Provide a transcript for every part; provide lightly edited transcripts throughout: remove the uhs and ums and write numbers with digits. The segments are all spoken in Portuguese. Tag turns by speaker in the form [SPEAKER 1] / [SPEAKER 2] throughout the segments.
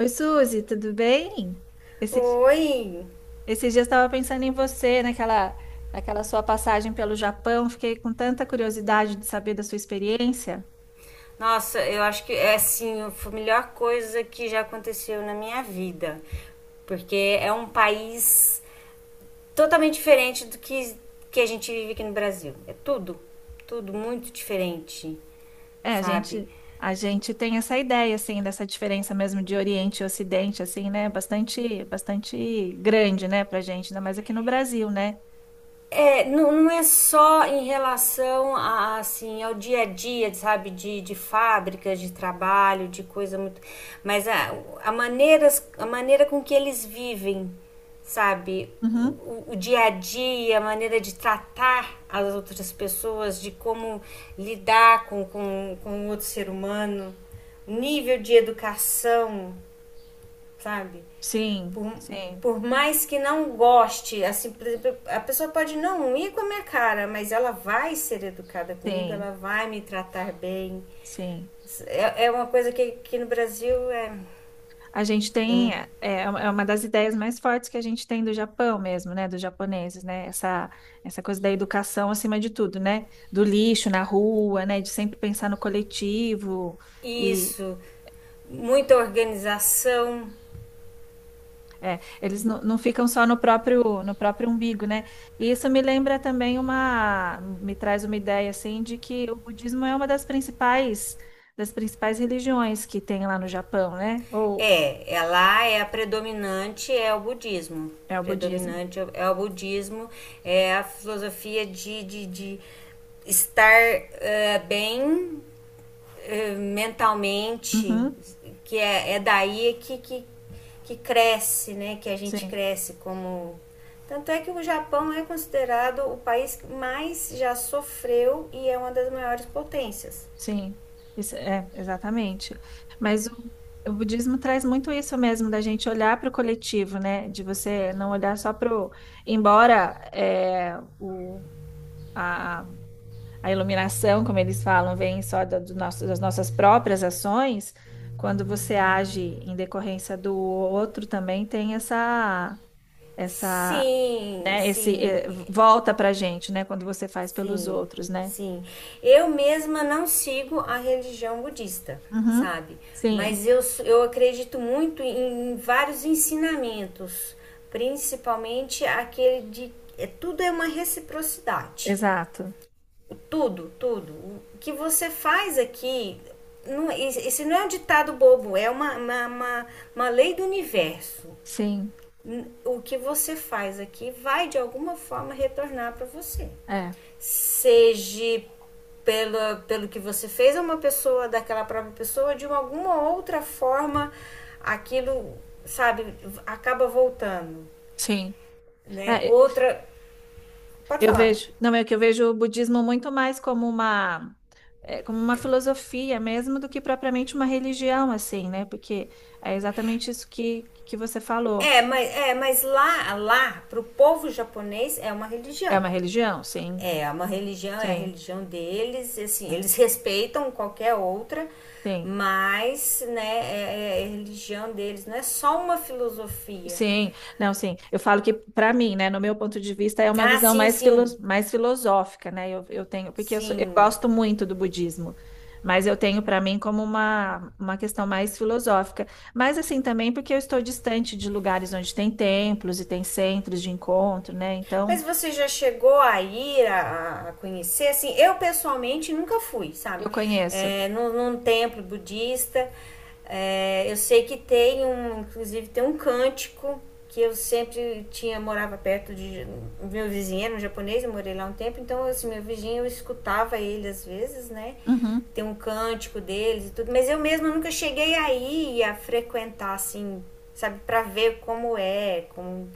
[SPEAKER 1] Oi, Suzy, tudo bem? Esses,
[SPEAKER 2] Oi!
[SPEAKER 1] esses dias eu estava pensando em você, naquela sua passagem pelo Japão. Fiquei com tanta curiosidade de saber da sua experiência.
[SPEAKER 2] Nossa, eu acho que é assim, foi a melhor coisa que já aconteceu na minha vida. Porque é um país totalmente diferente que a gente vive aqui no Brasil. É tudo muito diferente,
[SPEAKER 1] É, a
[SPEAKER 2] sabe?
[SPEAKER 1] gente, a gente tem essa ideia, assim, dessa diferença mesmo de Oriente e Ocidente, assim, né? Bastante grande, né, pra gente, ainda mais aqui no Brasil, né?
[SPEAKER 2] É, não, não é só em relação a, assim, ao dia a dia, sabe, de fábricas, de trabalho, de coisa muito. Mas a maneira com que eles vivem, sabe?
[SPEAKER 1] Uhum.
[SPEAKER 2] O dia a dia, a maneira de tratar as outras pessoas, de como lidar com outro ser humano, o nível de educação, sabe?
[SPEAKER 1] Sim,
[SPEAKER 2] Por,
[SPEAKER 1] sim,
[SPEAKER 2] por mais que não goste, assim, por exemplo, a pessoa pode não ir com a minha cara, mas ela vai ser educada comigo,
[SPEAKER 1] sim,
[SPEAKER 2] ela vai me tratar bem.
[SPEAKER 1] sim.
[SPEAKER 2] É, é uma coisa que no Brasil é,
[SPEAKER 1] A gente
[SPEAKER 2] é
[SPEAKER 1] tem,
[SPEAKER 2] um,
[SPEAKER 1] é, é uma das ideias mais fortes que a gente tem do Japão mesmo, né, dos japoneses, né, essa coisa da educação acima de tudo, né, do lixo na rua, né, de sempre pensar no coletivo e
[SPEAKER 2] isso, muita organização.
[SPEAKER 1] é, eles não, não ficam só no próprio, no próprio umbigo, né, e isso me lembra também uma, me traz uma ideia, assim, de que o budismo é uma das principais religiões que tem lá no Japão, né, ou
[SPEAKER 2] É, é, lá é a predominante, é o budismo.
[SPEAKER 1] é o budismo.
[SPEAKER 2] Predominante é o budismo, é a filosofia de estar bem, mentalmente,
[SPEAKER 1] Uhum,
[SPEAKER 2] que é, é daí que cresce, né? Que a gente
[SPEAKER 1] sim.
[SPEAKER 2] cresce como. Tanto é que o Japão é considerado o país que mais já sofreu e é uma das maiores potências.
[SPEAKER 1] Sim, isso é exatamente. Mas o, o budismo traz muito isso mesmo, da gente olhar para o coletivo, né? De você não olhar só para o. Embora a, a iluminação, como eles falam, vem só do nosso, das nossas próprias ações, quando você age em decorrência do outro, também tem essa,
[SPEAKER 2] Sim,
[SPEAKER 1] né? Esse
[SPEAKER 2] sim.
[SPEAKER 1] volta para a gente, né? Quando você faz pelos
[SPEAKER 2] Sim,
[SPEAKER 1] outros, né?
[SPEAKER 2] sim. Eu mesma não sigo a religião budista,
[SPEAKER 1] Uhum.
[SPEAKER 2] sabe?
[SPEAKER 1] Sim,
[SPEAKER 2] Mas eu acredito muito em, em vários ensinamentos, principalmente aquele de é, tudo é uma reciprocidade.
[SPEAKER 1] exato.
[SPEAKER 2] Tudo, tudo. O que você faz aqui, não, esse não é um ditado bobo, é uma lei do universo.
[SPEAKER 1] Sim,
[SPEAKER 2] O que você faz aqui vai de alguma forma retornar para você,
[SPEAKER 1] é,
[SPEAKER 2] seja pela, pelo que você fez a uma pessoa, daquela própria pessoa, de alguma outra forma, aquilo, sabe, acaba voltando,
[SPEAKER 1] sim.
[SPEAKER 2] né?
[SPEAKER 1] É,
[SPEAKER 2] Outra, pode
[SPEAKER 1] eu
[SPEAKER 2] falar.
[SPEAKER 1] vejo, não é que eu vejo o budismo muito mais como uma, é, como uma filosofia mesmo do que propriamente uma religião, assim, né? Porque é exatamente isso que você falou.
[SPEAKER 2] É, mas lá, pro povo japonês, é uma
[SPEAKER 1] É
[SPEAKER 2] religião.
[SPEAKER 1] uma religião? Sim,
[SPEAKER 2] É uma religião, é a
[SPEAKER 1] sim,
[SPEAKER 2] religião deles, assim,
[SPEAKER 1] é,
[SPEAKER 2] eles respeitam qualquer outra,
[SPEAKER 1] sim.
[SPEAKER 2] mas, né, é, é a religião deles, não é só uma filosofia.
[SPEAKER 1] Sim, não, sim. Eu falo que, para mim, né, no meu ponto de vista, é uma
[SPEAKER 2] Ah,
[SPEAKER 1] visão
[SPEAKER 2] sim,
[SPEAKER 1] mais,
[SPEAKER 2] sim,
[SPEAKER 1] mais filosófica, né? Eu tenho, porque eu, eu
[SPEAKER 2] sim.
[SPEAKER 1] gosto muito do budismo, mas eu tenho para mim como uma questão mais filosófica. Mas, assim, também porque eu estou distante de lugares onde tem templos e tem centros de encontro, né? Então,
[SPEAKER 2] Mas você já chegou a a conhecer? Assim, eu pessoalmente nunca fui, sabe?
[SPEAKER 1] eu conheço.
[SPEAKER 2] É, num templo budista. É, eu sei que tem um, inclusive tem um cântico que eu sempre tinha morava perto de meu vizinho, era um japonês, eu morei lá um tempo, então assim, meu vizinho eu escutava ele às vezes, né?
[SPEAKER 1] Uhum,
[SPEAKER 2] Tem um cântico deles e tudo, mas eu mesma nunca cheguei aí a frequentar assim, sabe, para ver como é, como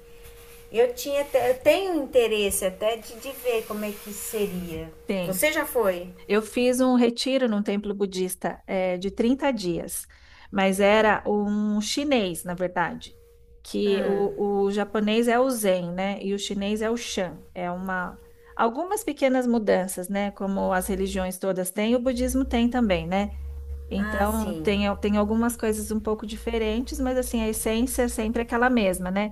[SPEAKER 2] eu tinha eu tenho interesse até de ver como é que seria.
[SPEAKER 1] sim.
[SPEAKER 2] Você já foi?
[SPEAKER 1] Eu fiz um retiro num templo budista, de 30 dias, mas era um chinês, na verdade, que o japonês é o Zen, né? E o chinês é o Shan. É uma algumas pequenas mudanças, né? Como as religiões todas têm, o budismo tem também, né?
[SPEAKER 2] Ah,
[SPEAKER 1] Então
[SPEAKER 2] sim.
[SPEAKER 1] tem, tem algumas coisas um pouco diferentes, mas assim, a essência é sempre aquela mesma, né?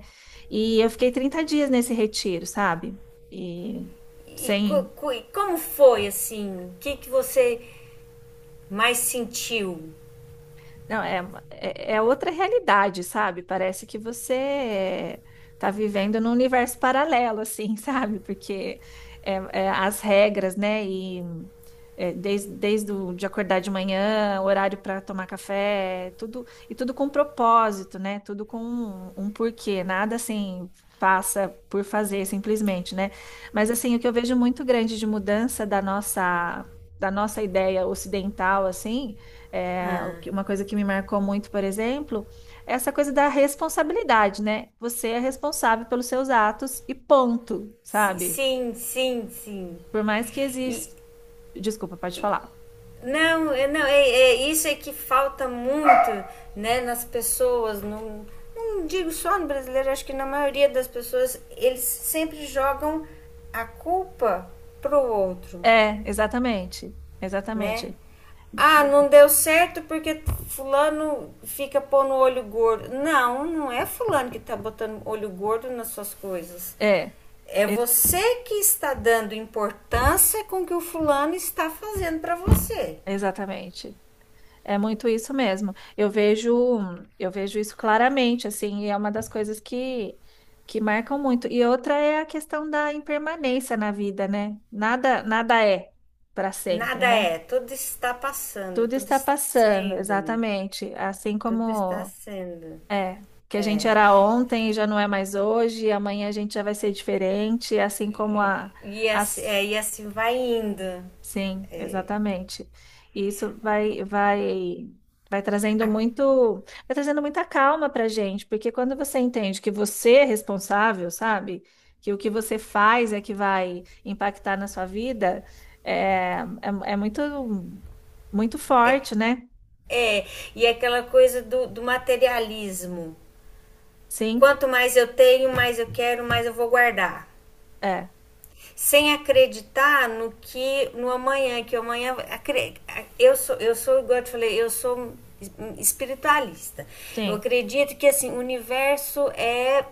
[SPEAKER 1] E eu fiquei 30 dias nesse retiro, sabe? E
[SPEAKER 2] E,
[SPEAKER 1] sem
[SPEAKER 2] como foi assim? Que você mais sentiu?
[SPEAKER 1] não, é outra realidade, sabe? Parece que você está vivendo num universo paralelo, assim, sabe? Porque é, é, as regras, né? E é, desde de acordar de manhã, horário para tomar café, tudo e tudo com propósito, né? Tudo com um, um porquê, nada assim faça por fazer simplesmente, né? Mas assim, o que eu vejo muito grande de mudança da nossa ideia ocidental, assim, é, uma coisa que me marcou muito, por exemplo, é essa coisa da responsabilidade, né? Você é responsável pelos seus atos e ponto, sabe?
[SPEAKER 2] Sim, sim, sim.
[SPEAKER 1] Por mais que
[SPEAKER 2] E
[SPEAKER 1] exista. Desculpa, pode falar.
[SPEAKER 2] não, não, isso é que falta muito, né, nas pessoas. Não, não digo só no brasileiro, acho que na maioria das pessoas eles sempre jogam a culpa pro outro.
[SPEAKER 1] É, exatamente.
[SPEAKER 2] Né?
[SPEAKER 1] Exatamente.
[SPEAKER 2] Ah, não deu certo porque fulano fica pondo olho gordo. Não, não é fulano que tá botando olho gordo nas suas coisas.
[SPEAKER 1] É,
[SPEAKER 2] É
[SPEAKER 1] e-
[SPEAKER 2] você que está dando importância com o que o fulano está fazendo para você.
[SPEAKER 1] exatamente. É muito isso mesmo. Eu vejo isso claramente, assim, e é uma das coisas que marcam muito. E outra é a questão da impermanência na vida, né? Nada, nada é para
[SPEAKER 2] Nada
[SPEAKER 1] sempre,
[SPEAKER 2] é,
[SPEAKER 1] né?
[SPEAKER 2] tudo está passando,
[SPEAKER 1] Tudo
[SPEAKER 2] tudo
[SPEAKER 1] está
[SPEAKER 2] está
[SPEAKER 1] passando,
[SPEAKER 2] sendo,
[SPEAKER 1] exatamente. Assim
[SPEAKER 2] tudo está
[SPEAKER 1] como
[SPEAKER 2] sendo.
[SPEAKER 1] é que a gente era ontem e já não é mais hoje, e amanhã a gente já vai ser diferente, assim como a,
[SPEAKER 2] E assim,
[SPEAKER 1] as
[SPEAKER 2] é, e assim vai indo.
[SPEAKER 1] sim, exatamente. E isso vai trazendo muito, vai trazendo muita calma para gente, porque quando você entende que você é responsável, sabe? Que o que você faz é que vai impactar na sua vida, é muito, muito forte, né?
[SPEAKER 2] É, e é aquela coisa do materialismo.
[SPEAKER 1] Sim,
[SPEAKER 2] Quanto mais eu tenho, mais eu quero, mais eu vou guardar.
[SPEAKER 1] é,
[SPEAKER 2] Sem acreditar no que no amanhã, que amanhã eu sou igual eu te falei, eu sou espiritualista. Eu
[SPEAKER 1] sim,
[SPEAKER 2] acredito que assim, o universo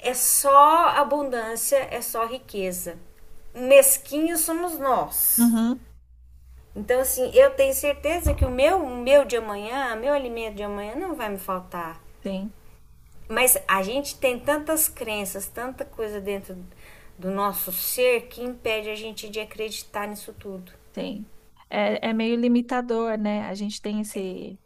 [SPEAKER 2] é só abundância, é só riqueza. Mesquinhos somos nós.
[SPEAKER 1] uhum,
[SPEAKER 2] Então assim, eu tenho certeza que o meu de amanhã, meu alimento de amanhã não vai me faltar.
[SPEAKER 1] sim,
[SPEAKER 2] Mas a gente tem tantas crenças, tanta coisa dentro do nosso ser que impede a gente de acreditar nisso tudo.
[SPEAKER 1] sim. É, é meio limitador, né? A gente tem esse,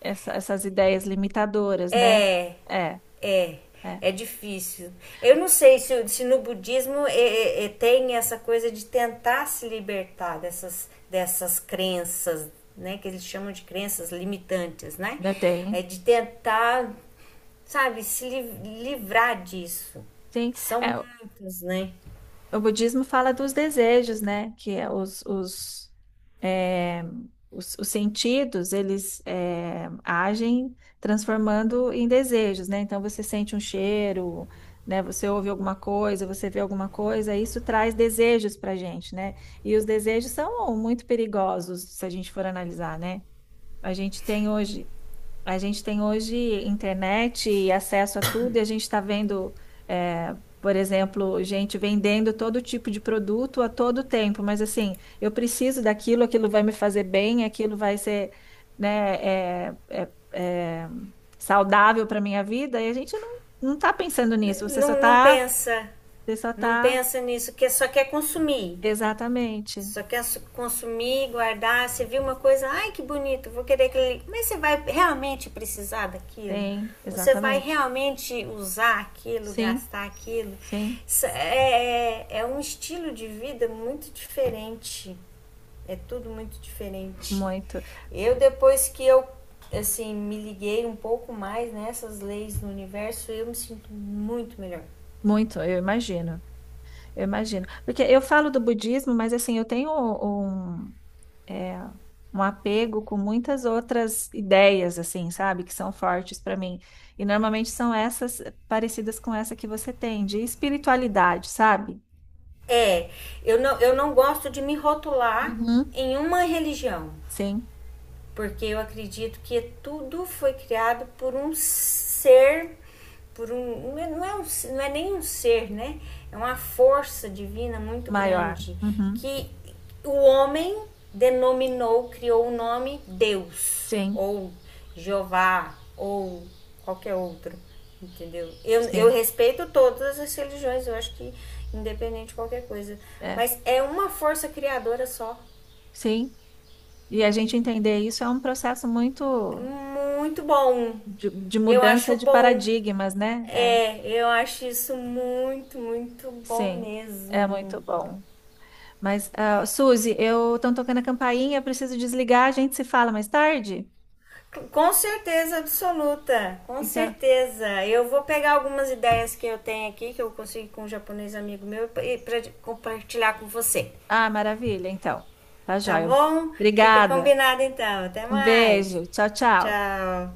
[SPEAKER 1] essas ideias limitadoras, né?
[SPEAKER 2] É,
[SPEAKER 1] É,
[SPEAKER 2] é,
[SPEAKER 1] é,
[SPEAKER 2] é difícil. Eu não sei se, se no budismo é, tem essa coisa de tentar se libertar dessas crenças, né? Que eles chamam de crenças limitantes, né?
[SPEAKER 1] ainda
[SPEAKER 2] É
[SPEAKER 1] tem.
[SPEAKER 2] de tentar, sabe, se livrar disso.
[SPEAKER 1] Sim,
[SPEAKER 2] São
[SPEAKER 1] é,
[SPEAKER 2] muitas, né?
[SPEAKER 1] o budismo fala dos desejos, né? Que é é, os sentidos, eles é, agem transformando em desejos, né? Então você sente um cheiro, né? Você ouve alguma coisa, você vê alguma coisa, isso traz desejos para gente, né? E os desejos são muito perigosos se a gente for analisar, né? A gente tem hoje a gente tem hoje internet e acesso a tudo, e a gente está vendo, é, por exemplo, gente vendendo todo tipo de produto a todo tempo, mas assim, eu preciso daquilo, aquilo vai me fazer bem, aquilo vai ser, né, é saudável para minha vida, e a gente não, não está pensando nisso,
[SPEAKER 2] Não, não pensa,
[SPEAKER 1] você só
[SPEAKER 2] não
[SPEAKER 1] está,
[SPEAKER 2] pensa nisso, que só quer consumir.
[SPEAKER 1] exatamente,
[SPEAKER 2] Só quer consumir, guardar. Você viu uma coisa, ai que bonito, vou querer aquele. Mas você vai realmente precisar daquilo?
[SPEAKER 1] tem,
[SPEAKER 2] Você vai
[SPEAKER 1] exatamente,
[SPEAKER 2] realmente usar aquilo,
[SPEAKER 1] sim,
[SPEAKER 2] gastar aquilo?
[SPEAKER 1] sim,
[SPEAKER 2] É um estilo de vida muito diferente. É tudo muito diferente.
[SPEAKER 1] muito,
[SPEAKER 2] Depois que eu, assim, me liguei um pouco mais nessas leis do universo, eu me sinto muito melhor.
[SPEAKER 1] muito, eu imagino. Eu imagino. Porque eu falo do budismo, mas assim, eu tenho um, é, um apego com muitas outras ideias, assim, sabe? Que são fortes para mim. E normalmente são essas parecidas com essa que você tem, de espiritualidade, sabe?
[SPEAKER 2] É, eu não gosto de me rotular
[SPEAKER 1] Uhum.
[SPEAKER 2] em uma religião
[SPEAKER 1] Sim,
[SPEAKER 2] porque eu acredito que tudo foi criado por um ser, por um, não é nem um ser, né? É uma força divina muito
[SPEAKER 1] maior.
[SPEAKER 2] grande
[SPEAKER 1] Uhum.
[SPEAKER 2] que o homem denominou, criou o nome Deus
[SPEAKER 1] Sim,
[SPEAKER 2] ou Jeová ou qualquer outro, entendeu? Eu
[SPEAKER 1] sim.
[SPEAKER 2] respeito todas as religiões, eu acho que independente de qualquer coisa,
[SPEAKER 1] É,
[SPEAKER 2] mas é uma força criadora só
[SPEAKER 1] sim. E a gente entender isso é um processo muito
[SPEAKER 2] muito bom.
[SPEAKER 1] de
[SPEAKER 2] Eu
[SPEAKER 1] mudança
[SPEAKER 2] acho
[SPEAKER 1] de
[SPEAKER 2] bom.
[SPEAKER 1] paradigmas, né? É,
[SPEAKER 2] É, eu acho isso muito, muito bom
[SPEAKER 1] sim. É
[SPEAKER 2] mesmo.
[SPEAKER 1] muito bom. Mas, ah, Suzy, eu estou tocando a campainha, eu preciso desligar, a gente se fala mais tarde?
[SPEAKER 2] Com certeza absoluta, com
[SPEAKER 1] Então,
[SPEAKER 2] certeza. Eu vou pegar algumas ideias que eu tenho aqui, que eu consegui com um japonês amigo meu, e pra compartilhar com você.
[SPEAKER 1] ah, maravilha, então. Tá
[SPEAKER 2] Tá
[SPEAKER 1] joia.
[SPEAKER 2] bom? Fica
[SPEAKER 1] Obrigada.
[SPEAKER 2] combinado então. Até
[SPEAKER 1] Um
[SPEAKER 2] mais.
[SPEAKER 1] beijo. Tchau, tchau.
[SPEAKER 2] Tchau.